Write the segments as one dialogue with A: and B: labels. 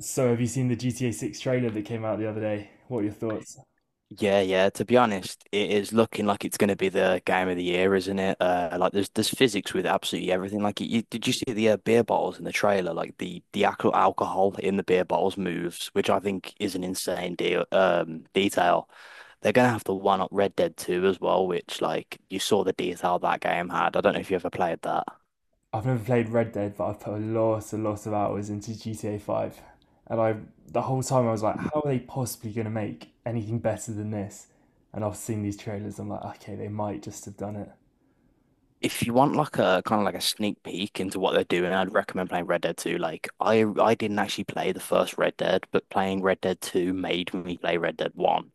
A: So, have you seen the GTA 6 trailer that came out the other day? What are your thoughts?
B: Yeah, yeah. To be honest, it is looking like it's going to be the game of the year, isn't it? Like there's physics with absolutely everything. Like you, did you see the beer bottles in the trailer? Like the actual alcohol in the beer bottles moves, which I think is an insane deal. Detail. They're gonna have to one up Red Dead 2 as well, which like you saw the detail that game had. I don't know if you ever played that.
A: I've never played Red Dead, but I've put a lot of hours into GTA 5. And I, the whole time I was like, how are they possibly going to make anything better than this? And I've seen these trailers, I'm like, okay, they might just have done it.
B: If you want like a kind of like a sneak peek into what they're doing, I'd recommend playing Red Dead 2. Like I didn't actually play the first Red Dead, but playing Red Dead 2 made me play Red Dead 1.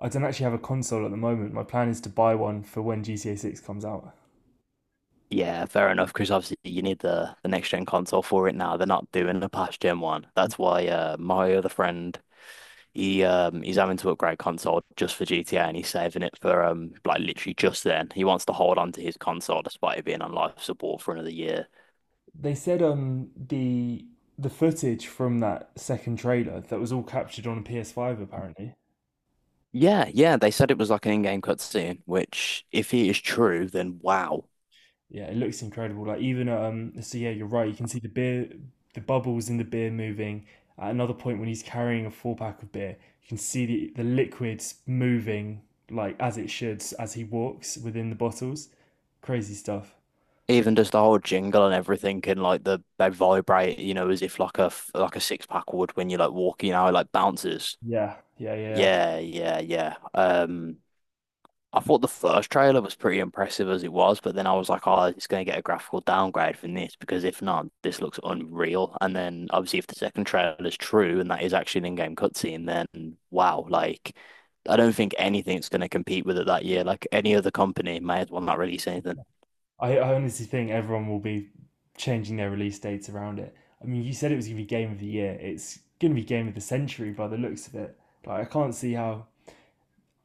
A: I don't actually have a console at the moment. My plan is to buy one for when GTA 6 comes out.
B: Yeah, fair enough, because obviously you need the next gen console for it now. They're not doing the past gen one. That's why my other friend he's having to upgrade console just for GTA and he's saving it for like literally just then. He wants to hold on to his console despite it being on life support for another year.
A: They said the footage from that second trailer that was all captured on a PS5 apparently.
B: Yeah, yeah, they said it was like an in-game cutscene, which if it is true, then wow.
A: Yeah, it looks incredible. Like even so yeah, you're right. You can see the beer, the bubbles in the beer moving. At another point, when he's carrying a four pack of beer, you can see the liquids moving like as it should as he walks within the bottles. Crazy stuff.
B: Even just the whole jingle and everything and like they vibrate, you know, as if like a like a six pack would when you're like walking, you know, it, like bounces.
A: Yeah, yeah, yeah, yeah.
B: Yeah, yeah, yeah. I thought the first trailer was pretty impressive as it was, but then I was like, oh, it's going to get a graphical downgrade from this because if not, this looks unreal. And then obviously, if the second trailer is true and that is actually an in-game cutscene, then wow, like I don't think anything's going to compete with it that year. Like any other company may as well not release anything.
A: I honestly think everyone will be changing their release dates around it. I mean, you said it was gonna be game of the year. It's gonna be game of the century by the looks of it. Like I can't see how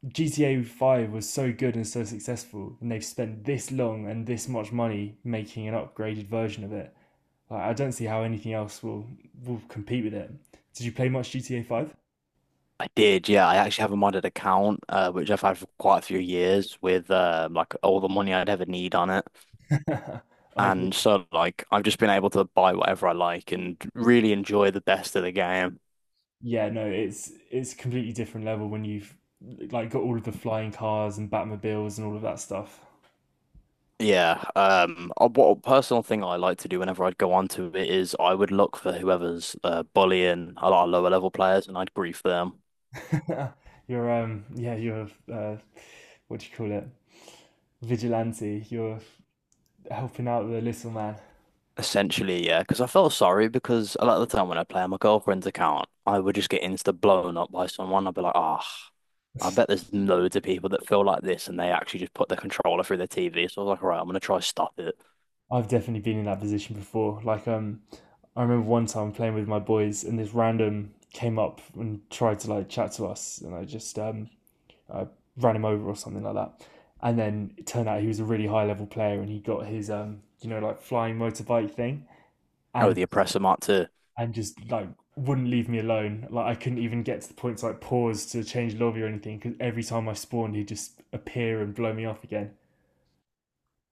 A: GTA 5 was so good and so successful, and they've spent this long and this much money making an upgraded version of it. Like, I don't see how anything will compete with it. Did you play much GTA 5?
B: I did, yeah. I actually have a modded account, which I've had for quite a few years with like all the money I'd ever need on it.
A: I did.
B: And so, like, I've just been able to buy whatever I like and really enjoy the best of the game.
A: Yeah, no, it's a completely different level when you've like got all of the flying cars and Batmobiles and all of that stuff.
B: Yeah. What a personal thing I like to do whenever I'd go onto it is I would look for whoever's bullying a lot of lower level players and I'd grief them.
A: You're what do you call it? Vigilante. You're helping out the little man.
B: Essentially, yeah, because I felt sorry because a lot of the time when I play on my girlfriend's account, I would just get insta blown up by someone. I'd be like, ah, I bet there's loads of people that feel like this and they actually just put the controller through their TV. So I was like, all right, I'm gonna try stop it.
A: I've definitely been in that position before. I remember one time playing with my boys, and this random came up and tried to like chat to us, and I just I ran him over or something like that. And then it turned out he was a really high level player, and he got his you know, like flying motorbike thing,
B: Oh,
A: and
B: the oppressor mark too.
A: and just like wouldn't leave me alone. Like I couldn't even get to the point to like pause to change lobby or anything because every time I spawned, he'd just appear and blow me off again.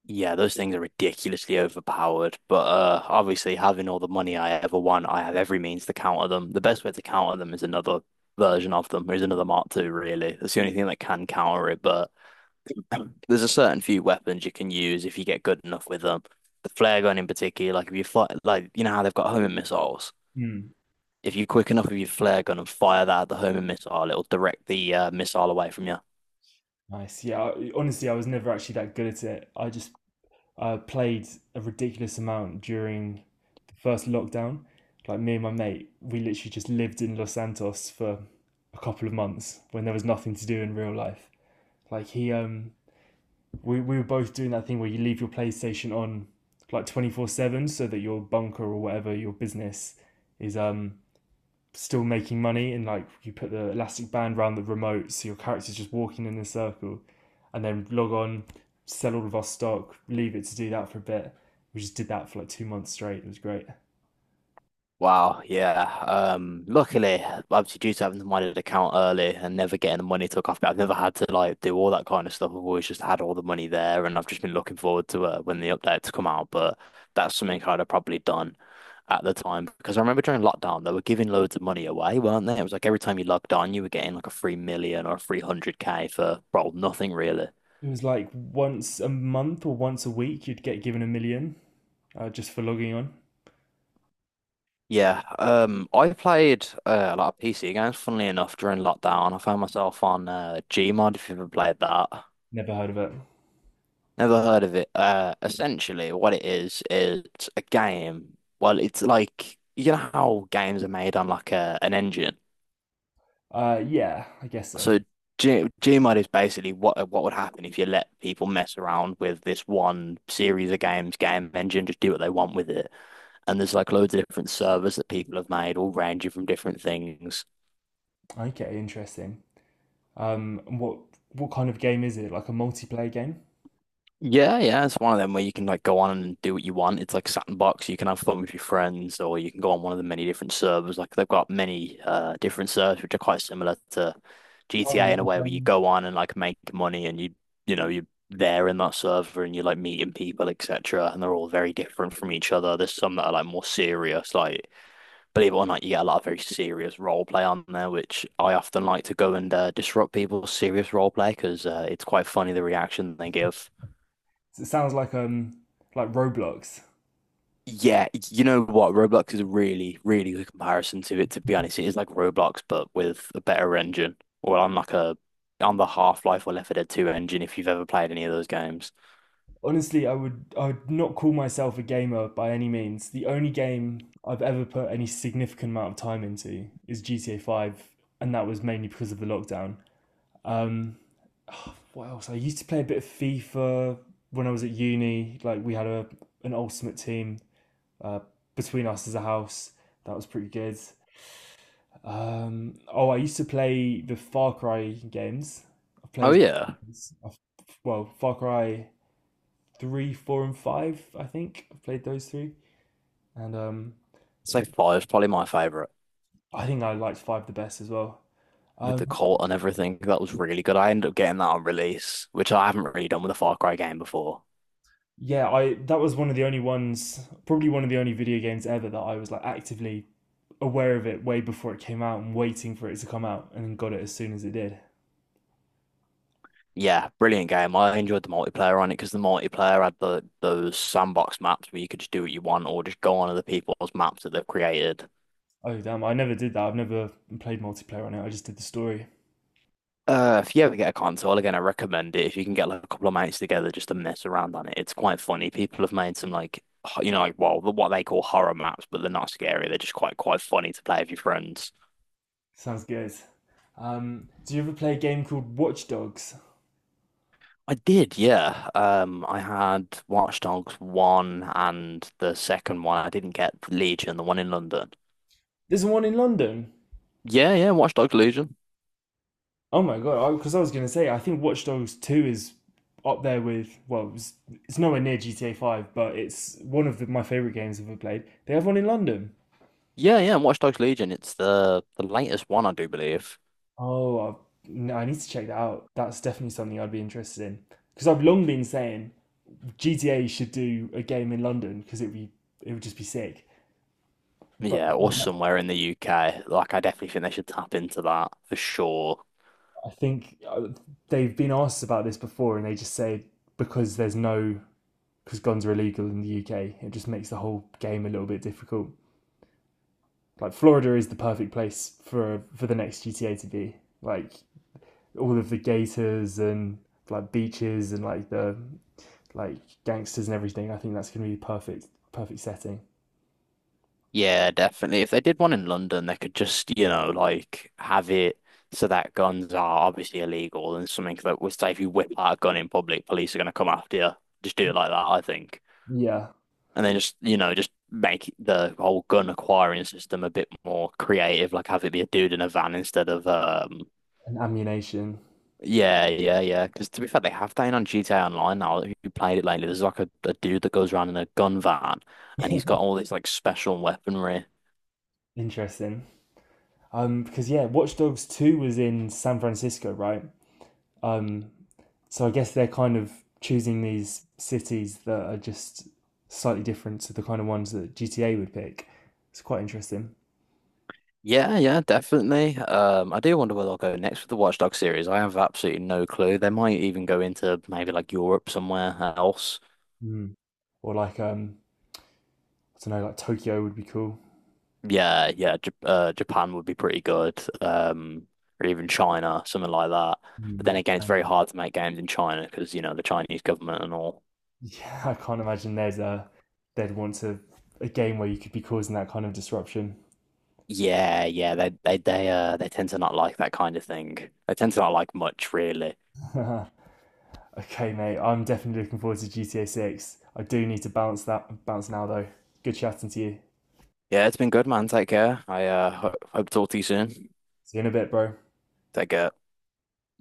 B: Yeah, those things are ridiculously overpowered. But obviously, having all the money I ever want, I have every means to counter them. The best way to counter them is another version of them, is another Mark II, really. That's the only thing that can counter it. But there's a certain few weapons you can use if you get good enough with them. The flare gun in particular, like if you fight, like you know how they've got homing missiles.
A: Mm.
B: If you're quick enough with your flare gun and fire that at the homing missile, it'll direct the missile away from you.
A: Nice. Yeah. Honestly, I was never actually that good at it. I played a ridiculous amount during the first lockdown. Like me and my mate, we literally just lived in Los Santos for a couple of months when there was nothing to do in real life. Like we were both doing that thing where you leave your PlayStation on like 24/7 so that your bunker or whatever your business is still making money, and like you put the elastic band around the remote so your character's just walking in a circle, and then log on, sell all of our stock, leave it to do that for a bit. We just did that for like 2 months straight. It was great.
B: Wow, yeah. Luckily, obviously due to having the money account early and never getting the money took off, but I've never had to like do all that kind of stuff. I've always just had all the money there, and I've just been looking forward to when the updates come out. But that's something I'd have probably done at the time because I remember during lockdown they were giving loads of money away, weren't they? It was like every time you logged on, you were getting like a free million or a 300k for, well, nothing really.
A: It was like once a month or once a week you'd get given a million, just for logging on.
B: Yeah, I played a lot of PC games, funnily enough, during lockdown. I found myself on Gmod, if you've ever played that.
A: Never heard of it.
B: Never heard of it. Essentially, what it is it's a game. Well, it's like you know how games are made on like a an engine.
A: Yeah, I guess so.
B: So G Gmod is basically what would happen if you let people mess around with this one series of games, game engine, just do what they want with it. And there's like loads of different servers that people have made, all ranging from different things.
A: Okay, interesting. um what what kind of game is it? Like a multiplayer game?
B: Yeah, yeah, it's one of them where you can like go on and do what you want. It's like sandbox. You can have fun with your friends, or you can go on one of the many different servers. Like they've got many different servers which are quite similar to
A: Oh
B: GTA
A: no,
B: in a way where you
A: um,
B: go on and like make money, and you know you're there in that server and you're like meeting people, etc. And they're all very different from each other. There's some that are like more serious. Like believe it or not, you get a lot of very serious role play on there, which I often like to go and disrupt people's serious role play because it's quite funny the reaction they give.
A: It sounds like Roblox.
B: Yeah, you know what? Roblox is a really, really good comparison to it, to be honest. It is like Roblox, but with a better engine, or on like a on the Half-Life or Left 4 Dead 2 engine, if you've ever played any of those games.
A: Honestly, I would not call myself a gamer by any means. The only game I've ever put any significant amount of time into is GTA Five, and that was mainly because of the lockdown. Um, what else? I used to play a bit of FIFA when I was at uni. Like we had a an ultimate team uh, between us as a house. That was pretty good. Oh, I used to play the Far Cry games. I
B: Oh
A: played
B: yeah. I
A: Far Cry three, four, and five. I think I've played those three, and
B: Five is probably my favorite
A: I think I liked five the best as well.
B: with the
A: Um,
B: cult and everything. That was really good. I ended up getting that on release, which I haven't really done with a Far Cry game before.
A: yeah, I that was one of the only ones, probably one of the only video games ever that I was like actively aware of it way before it came out and waiting for it to come out, and then got it as soon as it did.
B: Yeah, brilliant game. I enjoyed the multiplayer on it because the multiplayer had the those sandbox maps where you could just do what you want or just go on other people's maps that they've created.
A: Oh damn! I never did that. I've never played multiplayer on it. I just did the story.
B: If you ever get a console, again, I recommend it. If you can get like a couple of mates together just to mess around on it, it's quite funny. People have made some like, you know, like what they call horror maps, but they're not scary. They're just quite funny to play with your friends.
A: Sounds good. Do you ever play a game called Watch Dogs?
B: I did, yeah. I had Watch Dogs one and the second one. I didn't get Legion, the one in London.
A: There's one in London.
B: Yeah, yeah, Watch Dogs Legion.
A: Oh my god! Because I was gonna say, I think Watch Dogs Two is up there with, it's nowhere near GTA Five, but it's one of my favorite games I've ever played. They have one in London.
B: Yeah, yeah, Watch Dogs Legion. It's the latest one, I do believe.
A: Oh, I've, no, I need to check that out. That's definitely something I'd be interested in because I've long been saying GTA should do a game in London because it would just be sick. But
B: Yeah, or somewhere in the UK. Like, I definitely think they should tap into that for sure.
A: I think they've been asked about this before, and they just say because there's no because guns are illegal in the UK, it just makes the whole game a little bit difficult. Like Florida is the perfect place for the next GTA to be. Like all of the gators and like beaches and like gangsters and everything. I think that's gonna be perfect setting.
B: Yeah, definitely. If they did one in London, they could just, you know, like have it so that guns are obviously illegal and something that would say if you whip out a gun in public, police are going to come after you. Just do it like that, I think.
A: Yeah,
B: And then just, you know, just make the whole gun acquiring system a bit more creative, like have it be a dude in a van instead of,
A: and ammunition.
B: yeah, yeah, yeah. Because to be fair, they have that in on GTA Online now. If you played it lately, there's like a dude that goes around in a gun van and he's got all this like special weaponry.
A: Interesting. Because yeah, Watch Dogs Two was in San Francisco, right? Um, so I guess they're kind of choosing these cities that are just slightly different to the kind of ones that GTA would pick. It's quite interesting.
B: Yeah, yeah, definitely. I do wonder where they'll go next with the Watch Dogs series. I have absolutely no clue. They might even go into maybe like Europe somewhere else.
A: Mm. Or like I don't know, like Tokyo would be cool.
B: Yeah, yeah, J Japan would be pretty good. Or even China, something like that.
A: Mm.
B: But then
A: Like,
B: again, it's very hard to make games in China because, you know, the Chinese government and all.
A: yeah, I can't imagine there's a they'd want a game where you could be causing that kind of disruption.
B: Yeah, yeah, they they tend to not like that kind of thing. They tend to not like much, really.
A: Okay, mate, I'm definitely looking forward to GTA Six. I do need to bounce that bounce now though. Good chatting to you.
B: Yeah, it's been good, man. Take care. I ho Hope to talk to you soon.
A: See you in a bit, bro.
B: Take care.